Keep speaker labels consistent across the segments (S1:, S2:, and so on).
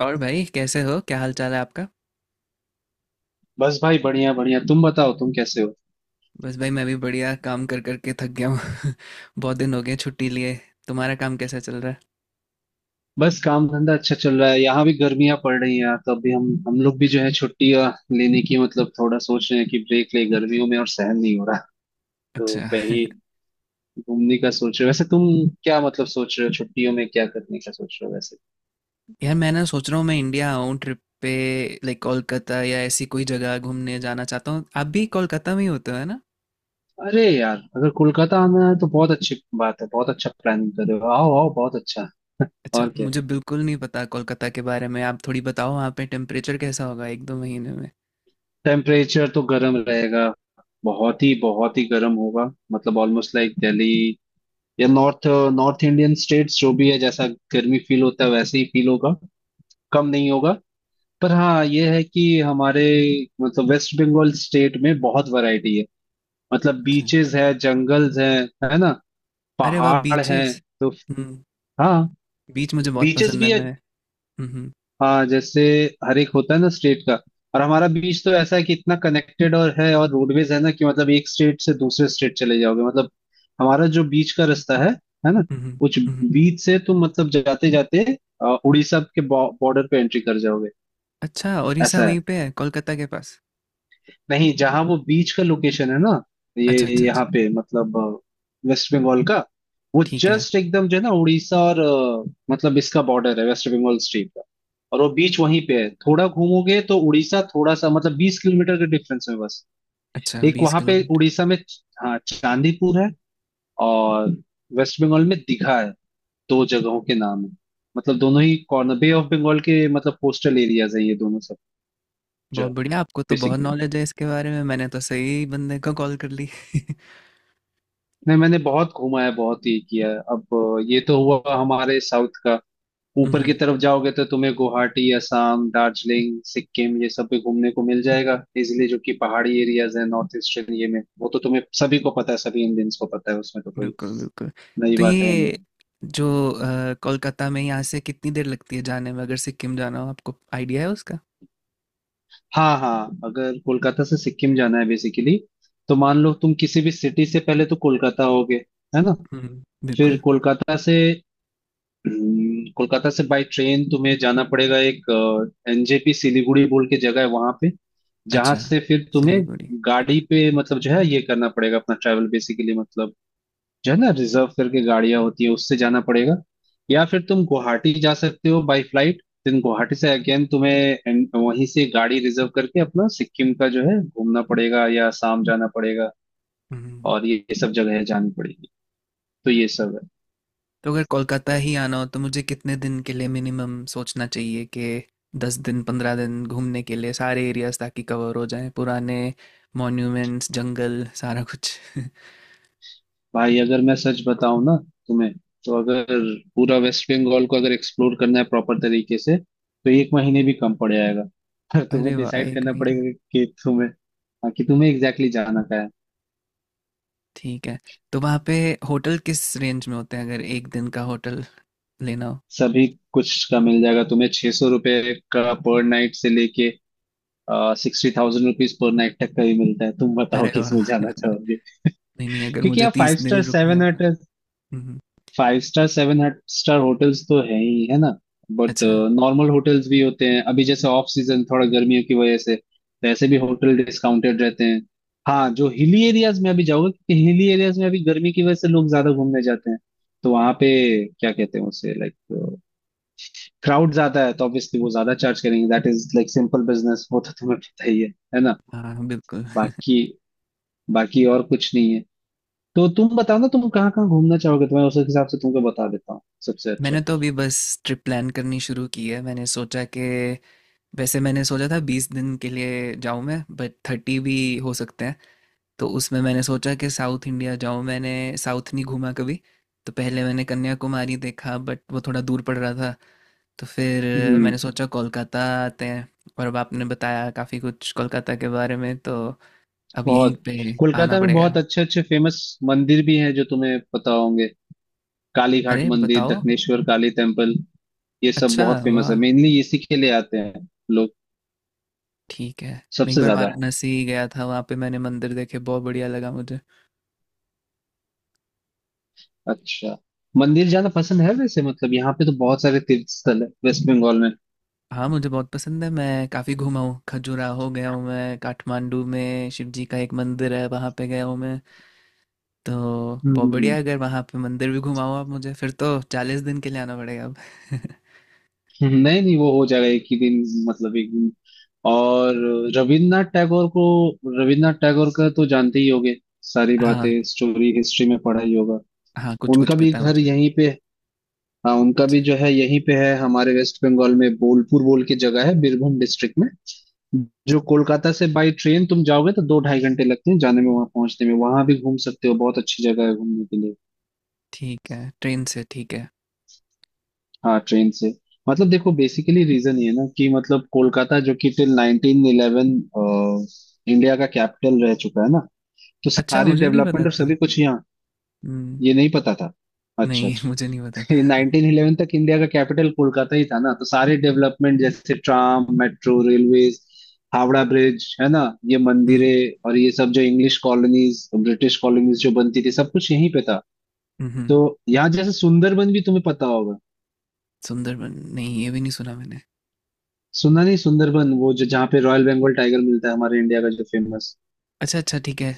S1: और भाई, कैसे हो? क्या हाल चाल है आपका?
S2: बस भाई, बढ़िया बढ़िया। तुम बताओ, तुम कैसे हो?
S1: बस भाई, मैं भी बढ़िया। काम कर कर के थक गया हूँ। बहुत दिन हो गए छुट्टी लिए। तुम्हारा काम कैसा चल रहा है?
S2: बस, काम धंधा अच्छा चल रहा है। यहाँ भी गर्मियां पड़ रही हैं यार, तो अभी हम लोग भी जो है छुट्टियां लेने की मतलब थोड़ा सोच रहे हैं कि ब्रेक ले गर्मियों में, और सहन नहीं हो रहा। तो
S1: अच्छा।
S2: कहीं घूमने का सोच रहे हो वैसे तुम? क्या मतलब सोच रहे हो छुट्टियों में, क्या करने का सोच रहे हो वैसे?
S1: यार मैं ना सोच रहा हूँ मैं इंडिया आऊँ ट्रिप पे। लाइक कोलकाता या ऐसी कोई जगह घूमने जाना चाहता हूँ। आप भी कोलकाता में ही होते हो, है ना?
S2: अरे यार, अगर कोलकाता आना है तो बहुत अच्छी बात है। बहुत अच्छा प्लानिंग कर रहे हो। आओ आओ, बहुत अच्छा।
S1: अच्छा,
S2: और क्या,
S1: मुझे बिल्कुल नहीं पता कोलकाता के बारे में। आप थोड़ी बताओ, वहाँ पे टेम्परेचर कैसा होगा एक दो महीने में?
S2: टेम्परेचर तो गर्म रहेगा। बहुत ही गर्म होगा, मतलब ऑलमोस्ट लाइक दिल्ली या नॉर्थ नॉर्थ इंडियन स्टेट्स जो भी है, जैसा गर्मी फील होता है वैसे ही फील होगा, कम नहीं होगा। पर हाँ, ये है कि हमारे मतलब वेस्ट बंगाल स्टेट में बहुत वैरायटी है, मतलब
S1: अच्छा।
S2: बीचेस है, जंगल्स है ना,
S1: अरे वाह,
S2: पहाड़ है,
S1: बीचेस।
S2: तो
S1: हम्म।
S2: हाँ
S1: बीच मुझे बहुत
S2: बीचेस
S1: पसंद है
S2: भी है।
S1: मैं। हम्म। हम्म।
S2: हाँ जैसे, हर एक होता है ना स्टेट का, और हमारा बीच तो ऐसा है कि इतना कनेक्टेड और है, और रोडवेज है ना कि मतलब एक स्टेट से दूसरे स्टेट चले जाओगे, मतलब हमारा जो बीच का रास्ता है ना,
S1: हम्म।
S2: कुछ
S1: हम्म।
S2: बीच से तुम मतलब जाते जाते उड़ीसा के बॉर्डर पे एंट्री कर जाओगे।
S1: अच्छा, ओरिसा
S2: ऐसा
S1: वहीं
S2: है,
S1: पे है कोलकाता के पास?
S2: नहीं जहाँ वो बीच का लोकेशन है ना, ये
S1: अच्छा अच्छा
S2: यहाँ
S1: अच्छा।
S2: पे मतलब वेस्ट बंगाल का, वो
S1: ठीक है।
S2: जस्ट एकदम जो है ना, उड़ीसा और मतलब इसका बॉर्डर है वेस्ट बंगाल स्टेट का। और वो बीच वहीं पे है, थोड़ा घूमोगे तो उड़ीसा थोड़ा सा मतलब 20 किलोमीटर के डिफरेंस में बस।
S1: अच्छा,
S2: एक
S1: बीस
S2: वहां पे
S1: किलोमीटर
S2: उड़ीसा में, हाँ चांदीपुर है, और वेस्ट बंगाल में दीघा है। दो जगहों के नाम है, मतलब दोनों ही कॉर्नर बे ऑफ बंगाल के, मतलब कोस्टल एरियाज है ये दोनों, सब जो
S1: बहुत बढ़िया, आपको तो बहुत
S2: बेसिकली।
S1: नॉलेज है इसके बारे में। मैंने तो सही बंदे को कॉल कर ली।
S2: नहीं, मैंने बहुत घूमा है, बहुत ये किया है अब। ये तो हुआ हमारे साउथ का। ऊपर की
S1: हम्म,
S2: तरफ जाओगे तो तुम्हें गुवाहाटी, असम, दार्जिलिंग, सिक्किम, ये सब भी घूमने को मिल जाएगा इजिली, जो कि पहाड़ी एरियाज है नॉर्थ ईस्टर्न ये में, वो तो तुम्हें सभी को पता है, सभी इंडियंस को पता है, उसमें तो कोई
S1: बिल्कुल बिल्कुल।
S2: नई
S1: तो
S2: बात है नहीं।
S1: ये जो कोलकाता में यहाँ से कितनी देर लगती है जाने में, अगर सिक्किम जाना हो? आपको आइडिया है उसका?
S2: हाँ हाँ, अगर कोलकाता से सिक्किम जाना है बेसिकली, तो मान लो तुम किसी भी सिटी से पहले तो कोलकाता होगे, है ना?
S1: हम्म,
S2: फिर
S1: बिल्कुल।
S2: कोलकाता से, कोलकाता से बाय ट्रेन तुम्हें जाना पड़ेगा। एक एनजेपी सिलीगुड़ी बोल के जगह है वहां पे, जहां
S1: अच्छा,
S2: से फिर तुम्हें
S1: सिलीगुड़ी। ठीक
S2: गाड़ी
S1: है।
S2: पे मतलब जो है ये करना पड़ेगा अपना ट्रैवल, बेसिकली मतलब जो है ना रिजर्व करके गाड़ियां होती है उससे जाना पड़ेगा। या फिर तुम गुवाहाटी जा सकते हो बाय फ्लाइट। देन गुवाहाटी से अगेन तुम्हें वहीं से गाड़ी रिजर्व करके अपना सिक्किम का जो है घूमना पड़ेगा, या आसाम जाना पड़ेगा,
S1: हम्म।
S2: और ये सब जगह जानी पड़ेगी। तो ये सब है।
S1: तो अगर कोलकाता ही आना हो तो मुझे कितने दिन के लिए मिनिमम सोचना चाहिए, कि 10 दिन, 15 दिन घूमने के लिए सारे एरियाज, ताकि कवर हो जाएं पुराने मॉन्यूमेंट्स, जंगल, सारा कुछ।
S2: भाई, अगर मैं सच बताऊं ना तुम्हें, तो अगर पूरा वेस्ट बंगाल को अगर एक्सप्लोर करना है प्रॉपर तरीके से तो एक महीने भी कम पड़ जाएगा। पर तुम्हें
S1: अरे वाह,
S2: डिसाइड
S1: एक
S2: करना
S1: महीना।
S2: पड़ेगा कि तुम्हें, हाँ, कि तुम्हें एग्जैक्टली exactly जाना क्या है।
S1: ठीक है। तो वहाँ पे होटल किस रेंज में होते हैं अगर एक दिन का होटल लेना हो?
S2: सभी कुछ का मिल जाएगा तुम्हें, 600 रुपये का पर नाइट से लेके 60,000 रुपीज पर नाइट तक का ही मिलता है। तुम बताओ
S1: अरे
S2: किस में
S1: वाह।
S2: जाना चाहोगे?
S1: नहीं नहीं, अगर
S2: क्योंकि
S1: मुझे
S2: यहाँ फाइव
S1: तीस
S2: स्टार
S1: दिन रुकना
S2: सेवन
S1: है तो। हम्म,
S2: five star seven star hotels तो है ही, है ना? बट
S1: अच्छा।
S2: नॉर्मल होटल्स भी होते हैं। अभी जैसे ऑफ सीजन थोड़ा गर्मियों की वजह से वैसे भी होटल डिस्काउंटेड रहते हैं। हाँ, जो हिली एरियाज में अभी जाओगे, क्योंकि हिली एरियाज में अभी गर्मी की वजह से लोग ज्यादा घूमने जाते हैं, तो वहां पे क्या कहते हैं उसे, लाइक क्राउड ज्यादा है तो ऑब्वियसली वो ज्यादा चार्ज करेंगे। That is like simple business, वो तो तुम्हें पता ही है ना?
S1: हाँ बिल्कुल।
S2: बाकी बाकी और कुछ नहीं है। तो तुम बताओ ना, तुम कहाँ कहाँ घूमना चाहोगे तो मैं उस हिसाब से तुमको बता देता हूँ सबसे अच्छा।
S1: मैंने तो अभी बस ट्रिप प्लान करनी शुरू की है। मैंने सोचा कि वैसे मैंने सोचा था 20 दिन के लिए जाऊँ मैं, बट 30 भी हो सकते हैं। तो उसमें मैंने सोचा कि साउथ इंडिया जाऊँ। मैंने साउथ नहीं घूमा कभी। तो पहले मैंने कन्याकुमारी देखा, बट वो थोड़ा दूर पड़ रहा था। तो फिर मैंने
S2: हम्म
S1: सोचा कोलकाता आते हैं। और अब आपने बताया काफ़ी कुछ कोलकाता के बारे में, तो अब यहीं
S2: बहुत
S1: पे आना
S2: कोलकाता में बहुत
S1: पड़ेगा।
S2: अच्छे अच्छे फेमस मंदिर भी हैं जो तुम्हें पता होंगे। काली घाट
S1: अरे
S2: मंदिर,
S1: बताओ।
S2: दक्षिणेश्वर काली टेम्पल, ये सब
S1: अच्छा।
S2: बहुत फेमस है,
S1: वाह।
S2: मेनली इसी के लिए आते हैं लोग
S1: ठीक है। मैं एक
S2: सबसे
S1: बार
S2: ज्यादा।
S1: वाराणसी गया था, वहाँ पे मैंने मंदिर देखे, बहुत बढ़िया लगा मुझे।
S2: अच्छा, मंदिर जाना पसंद है वैसे? मतलब यहाँ पे तो बहुत सारे तीर्थ स्थल है वेस्ट बंगाल में।
S1: हाँ, मुझे बहुत पसंद है, मैं काफ़ी घूमा हूँ, खजुराहो गया हूँ मैं, काठमांडू में शिव जी का एक मंदिर है वहाँ पे गया हूँ मैं। तो बहुत बढ़िया
S2: हम्म।
S1: है, अगर वहाँ पे मंदिर भी घुमाओ आप मुझे फिर तो 40 दिन के लिए आना पड़ेगा अब।
S2: नहीं नहीं, वो हो जाएगा एक ही दिन। मतलब एक दिन। और रविन्द्रनाथ टैगोर को रविन्द्रनाथ टैगोर का तो जानते ही होंगे। सारी बातें
S1: हाँ।
S2: स्टोरी हिस्ट्री में पढ़ा ही होगा।
S1: हाँ, कुछ
S2: उनका
S1: कुछ
S2: भी
S1: पता है
S2: घर
S1: मुझे।
S2: यहीं पे, हाँ, उनका
S1: अच्छा।
S2: भी जो है यहीं पे है हमारे वेस्ट बंगाल में। बोलपुर बोल के जगह है बीरभूम डिस्ट्रिक्ट में, जो कोलकाता से बाई ट्रेन तुम जाओगे तो दो ढाई घंटे लगते हैं जाने में, वहां पहुंचने में। वहां भी घूम सकते हो, बहुत अच्छी जगह है घूमने के लिए।
S1: ठीक है, ट्रेन से, ठीक है।
S2: हाँ ट्रेन से। मतलब देखो, बेसिकली रीजन ये है ना कि मतलब कोलकाता, जो कि टिल 1911 इंडिया का कैपिटल रह चुका है ना, तो
S1: अच्छा,
S2: सारी
S1: मुझे नहीं
S2: डेवलपमेंट
S1: पता
S2: और
S1: था।
S2: सभी कुछ यहाँ।
S1: हम्म।
S2: ये नहीं पता था? अच्छा
S1: नहीं, मुझे
S2: अच्छा।
S1: नहीं पता था।
S2: नाइनटीन इलेवन तक इंडिया का कैपिटल कोलकाता ही था ना, तो सारे डेवलपमेंट जैसे tram, metro, railways, Howrah bridge, है ना, ये
S1: हम्म।
S2: मंदिरें और ये सब जो इंग्लिश कॉलोनीज, ब्रिटिश कॉलोनीज जो बनती थी, सब कुछ यहीं पे था।
S1: हम्म।
S2: तो यहाँ जैसे सुंदरबन भी तुम्हें पता होगा।
S1: सुंदरबन? नहीं, ये भी नहीं सुना मैंने।
S2: सुना नहीं? सुंदरबन, वो जो जहाँ पे रॉयल बंगाल टाइगर मिलता है, हमारे इंडिया का जो फेमस।
S1: अच्छा अच्छा, ठीक है।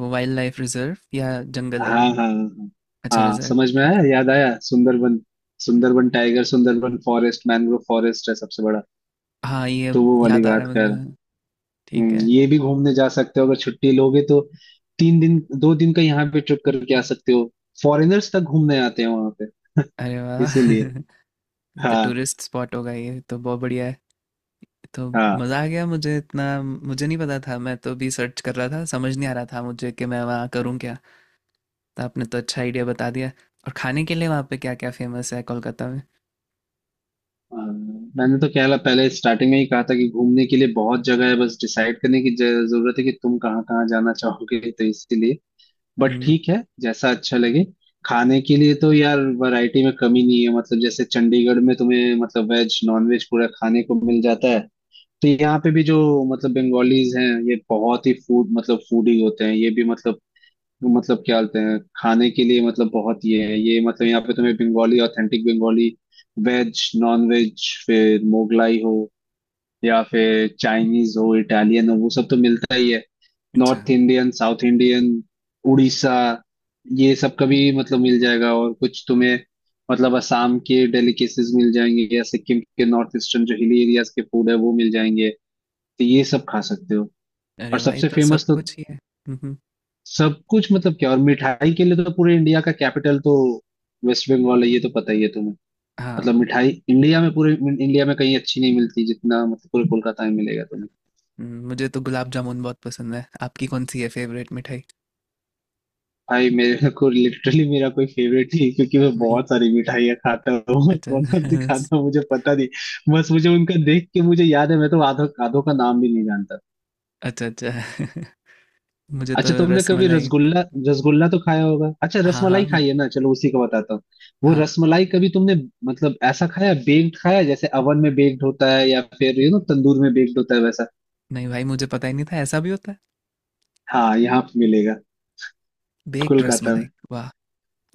S1: वो वाइल्ड लाइफ रिजर्व या जंगल
S2: हाँ
S1: है वो?
S2: हाँ हाँ हाँ।
S1: अच्छा,
S2: हाँ,
S1: रिजर्व,
S2: समझ में
S1: ठीक
S2: आया,
S1: है।
S2: याद आया Sundarban. Sundarban tiger, Sundarban forest, mangrove forest है सबसे बड़ा,
S1: हाँ, ये
S2: तो
S1: अब
S2: वो वाली
S1: याद आ
S2: बात
S1: रहा है मुझे,
S2: कर।
S1: हाँ। ठीक है।
S2: ये भी घूमने जा सकते हो, अगर छुट्टी लोगे तो 3 दिन 2 दिन का यहाँ पे ट्रिप करके आ सकते हो। फॉरेनर्स तक घूमने आते हैं वहां पे,
S1: अरे वाह,
S2: इसीलिए।
S1: ये तो
S2: हाँ
S1: टूरिस्ट स्पॉट होगा, ये तो बहुत बढ़िया है। तो
S2: हाँ
S1: मज़ा आ गया मुझे, इतना मुझे नहीं पता था, मैं तो भी सर्च कर रहा था, समझ नहीं आ रहा था मुझे कि मैं वहाँ करूँ क्या। तो आपने तो अच्छा आइडिया बता दिया। और खाने के लिए वहाँ पे क्या क्या फेमस है कोलकाता में?
S2: हाँ। मैंने तो कहला पहले स्टार्टिंग में ही कहा था कि घूमने के लिए बहुत जगह है, बस डिसाइड करने की जरूरत है कि तुम कहाँ कहाँ जाना चाहोगे, तो इसीलिए। बट
S1: हम्म।
S2: ठीक है, जैसा अच्छा लगे। खाने के लिए तो यार, वैरायटी में कमी नहीं है, मतलब जैसे चंडीगढ़ में तुम्हें मतलब वेज नॉन वेज पूरा खाने को मिल जाता है। तो यहाँ पे भी जो मतलब बंगालीज हैं, ये बहुत ही फूड मतलब फूडी होते हैं ये भी, मतलब क्या बोलते हैं खाने के लिए, मतलब बहुत ये है ये, मतलब यहाँ पे तुम्हें Bengali authentic Bengali veg non veg, फिर मोगलाई हो या फिर चाइनीज हो, इटालियन हो, वो सब तो मिलता ही है।
S1: अच्छा।
S2: North Indian, south Indian, Orissa, ये सब का भी मतलब मिल जाएगा, और कुछ तुम्हें मतलब असम के डेलिकेसीज मिल जाएंगे, या सिक्किम के नॉर्थ ईस्टर्न जो हिली एरियाज के फूड है वो मिल जाएंगे। तो ये सब खा सकते हो। और
S1: अरे भाई,
S2: सबसे
S1: तो सब
S2: फेमस तो
S1: कुछ ही है। हम्म, हम्म।
S2: सब कुछ मतलब क्या। और मिठाई के लिए तो पूरे इंडिया का कैपिटल तो वेस्ट बंगाल है, ये तो पता ही है तुम्हें।
S1: हाँ।
S2: मतलब मिठाई इंडिया में पूरे इंडिया में कहीं अच्छी नहीं मिलती जितना मतलब पूरे कोलकाता में मिलेगा तुम्हें।
S1: मुझे तो गुलाब जामुन बहुत पसंद है। आपकी कौन सी है फेवरेट मिठाई?
S2: भाई मेरे को लिटरली मेरा कोई फेवरेट ही है, क्योंकि मैं
S1: नहीं।
S2: बहुत सारी मिठाइयाँ खाता हूँ और
S1: अच्छा।
S2: कौन कौन सी खाता हूँ मुझे पता नहीं। बस मुझे उनका देख के मुझे याद है, मैं तो आधो आधो का नाम भी नहीं जानता।
S1: अच्छा अच्छा। मुझे तो
S2: अच्छा, तुमने कभी
S1: रसमलाई।
S2: रसगुल्ला रसगुल्ला तो खाया होगा। अच्छा,
S1: हाँ
S2: रसमलाई
S1: हाँ।
S2: खाई है ना, चलो उसी का बताता हूँ। वो
S1: हाँ।
S2: रसमलाई कभी तुमने मतलब ऐसा खाया, बेक्ड खाया, जैसे अवन में बेक्ड होता है या फिर यू नो तंदूर में बेक्ड होता है, वैसा।
S1: नहीं भाई, मुझे पता ही नहीं था ऐसा भी होता है।
S2: हाँ यहाँ पे मिलेगा
S1: बेक्ड
S2: कोलकाता में।
S1: रसमलाई? वाह।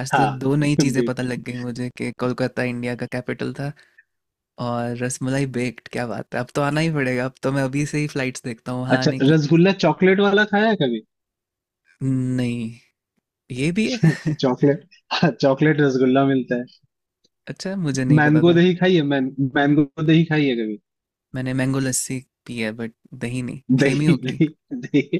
S1: आज तो
S2: हाँ
S1: दो नई चीजें पता लग
S2: बेक्ड।
S1: गई मुझे, कि कोलकाता इंडिया का कैपिटल था, और रसमलाई बेक्ड, क्या बात है। अब तो आना ही पड़ेगा, अब तो मैं अभी से ही फ्लाइट्स देखता हूँ वहाँ
S2: अच्छा,
S1: आने की।
S2: रसगुल्ला चॉकलेट वाला खाया है कभी?
S1: नहीं। ये भी है?
S2: चॉकलेट, हाँ चॉकलेट रसगुल्ला मिलता है।
S1: अच्छा, मुझे नहीं पता था।
S2: मैंगो दही खाई है कभी?
S1: मैंने मैंगो लस्सी पी है, बट दही नहीं, सेम ही
S2: दही,
S1: होगी।
S2: दही, दही।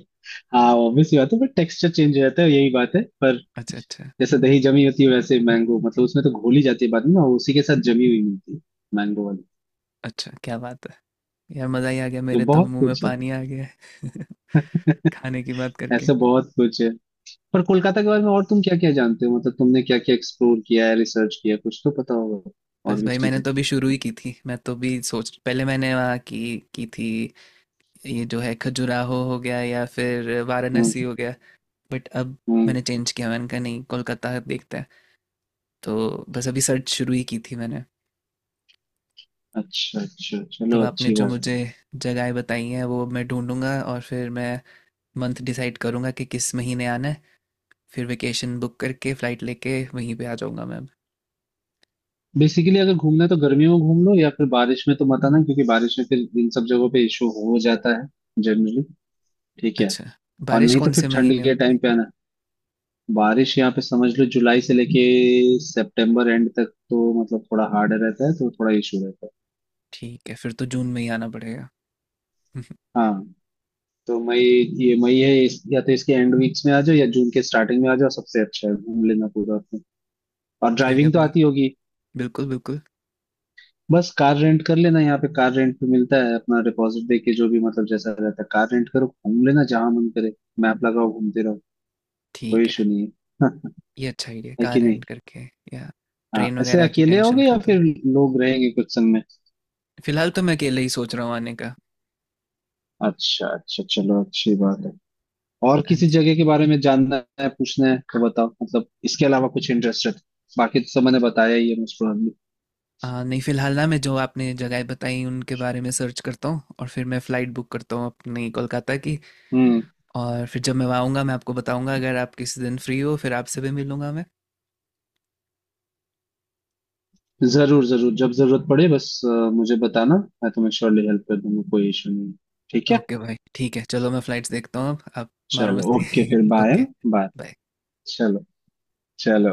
S2: हाँ ऑब्वियस बात है, पर टेक्सचर चेंज हो जाता है यही बात है। पर
S1: अच्छा अच्छा।
S2: जैसे दही जमी होती है वैसे मैंगो, मतलब उसमें तो घोली जाती है बाद में ना, उसी के साथ जमी हुई मिलती है, मैंगो वाली।
S1: अच्छा, क्या बात है, यार मज़ा ही आ गया,
S2: तो
S1: मेरे तो
S2: बहुत
S1: मुंह में
S2: कुछ है।
S1: पानी आ गया। है। खाने की बात करके।
S2: ऐसा बहुत कुछ है, पर कोलकाता के बारे में और तुम क्या क्या जानते हो, मतलब तुमने क्या क्या एक्सप्लोर किया है, रिसर्च किया है, कुछ तो पता होगा और
S1: बस
S2: भी
S1: भाई, मैंने
S2: चीजें।
S1: तो अभी शुरू ही की थी। मैं तो भी सोच पहले मैंने वहाँ की थी, ये जो है खजुराहो हो गया या फिर
S2: हम्म
S1: वाराणसी हो गया। बट अब
S2: हम्म।
S1: मैंने चेंज किया, मैंने कहा नहीं, कोलकाता देखते हैं। तो बस अभी सर्च शुरू ही की थी मैंने।
S2: अच्छा अच्छा,
S1: तो
S2: चलो
S1: आपने
S2: अच्छी
S1: जो
S2: बात
S1: मुझे
S2: है।
S1: जगहें बताई हैं वो मैं ढूंढूंगा, और फिर मैं मंथ डिसाइड करूंगा कि किस महीने आना है। फिर वेकेशन बुक करके फ़्लाइट लेके वहीं पे आ जाऊंगा मैं।
S2: बेसिकली अगर घूमना है तो गर्मियों में घूम लो या फिर बारिश में तो मत आना, क्योंकि बारिश में फिर इन सब जगहों पे इशू हो जाता है जनरली। ठीक है,
S1: अच्छा,
S2: और
S1: बारिश
S2: नहीं तो
S1: कौन से
S2: फिर ठंड
S1: महीने
S2: के
S1: होती है?
S2: टाइम पे आना। बारिश यहाँ पे समझ लो जुलाई से लेके सितंबर एंड तक तो मतलब थोड़ा हार्ड रहता है, तो थोड़ा इशू रहता है।
S1: ठीक है, फिर तो जून में ही आना पड़ेगा।
S2: हाँ, तो मई, ये मई है या तो इसके एंड वीक्स में आ जाओ या जून के स्टार्टिंग में आ जाओ, सबसे अच्छा है घूम लेना पूरा अपने। और
S1: ठीक है
S2: ड्राइविंग तो
S1: भाई।
S2: आती होगी।
S1: बिल्कुल बिल्कुल।
S2: बस कार रेंट कर लेना, यहाँ पे कार रेंट पे मिलता है, अपना डिपॉजिट दे के जो भी मतलब जैसा रहता है। कार रेंट करो, घूम लेना जहां मन करे, मैप लगाओ घूमते रहो, कोई
S1: ठीक
S2: इशू
S1: है,
S2: नहीं है।
S1: ये अच्छा idea है,
S2: है
S1: कार
S2: कि नहीं?
S1: रेंट करके, या
S2: हाँ,
S1: ट्रेन
S2: ऐसे
S1: वगैरह की
S2: अकेले
S1: टेंशन
S2: होगे या
S1: खत्म।
S2: फिर लोग रहेंगे कुछ संग में?
S1: फिलहाल तो मैं अकेले ही सोच रहा हूँ आने का।
S2: अच्छा अच्छा, चलो अच्छी बात है। और
S1: हाँ
S2: किसी
S1: जी।
S2: जगह के बारे में जानना है, पूछना है तो बताओ, मतलब इसके अलावा कुछ इंटरेस्टेड। बाकी तो सब मैंने बताया ही है मोस्ट प्रोबेबली।
S1: नहीं, फिलहाल ना मैं जो आपने जगह बताई उनके बारे में सर्च करता हूँ, और फिर मैं फ़्लाइट बुक करता हूँ अपनी कोलकाता की।
S2: हम्म।
S1: और फिर जब मैं वहाँ आऊँगा मैं आपको बताऊँगा, अगर आप किसी दिन फ्री हो फिर आपसे भी मिलूँगा मैं।
S2: जरूर जरूर, जब जरूरत पड़े बस मुझे बताना, मैं तुम्हें श्योरली हेल्प कर दूंगा, कोई इशू नहीं। ठीक है,
S1: ओके भाई, ठीक है चलो, मैं फ़्लाइट्स देखता हूँ अब, आप मारो
S2: चलो ओके
S1: मस्ती।
S2: फिर बाय।
S1: Okay,
S2: bye,
S1: bye.
S2: चलो चलो।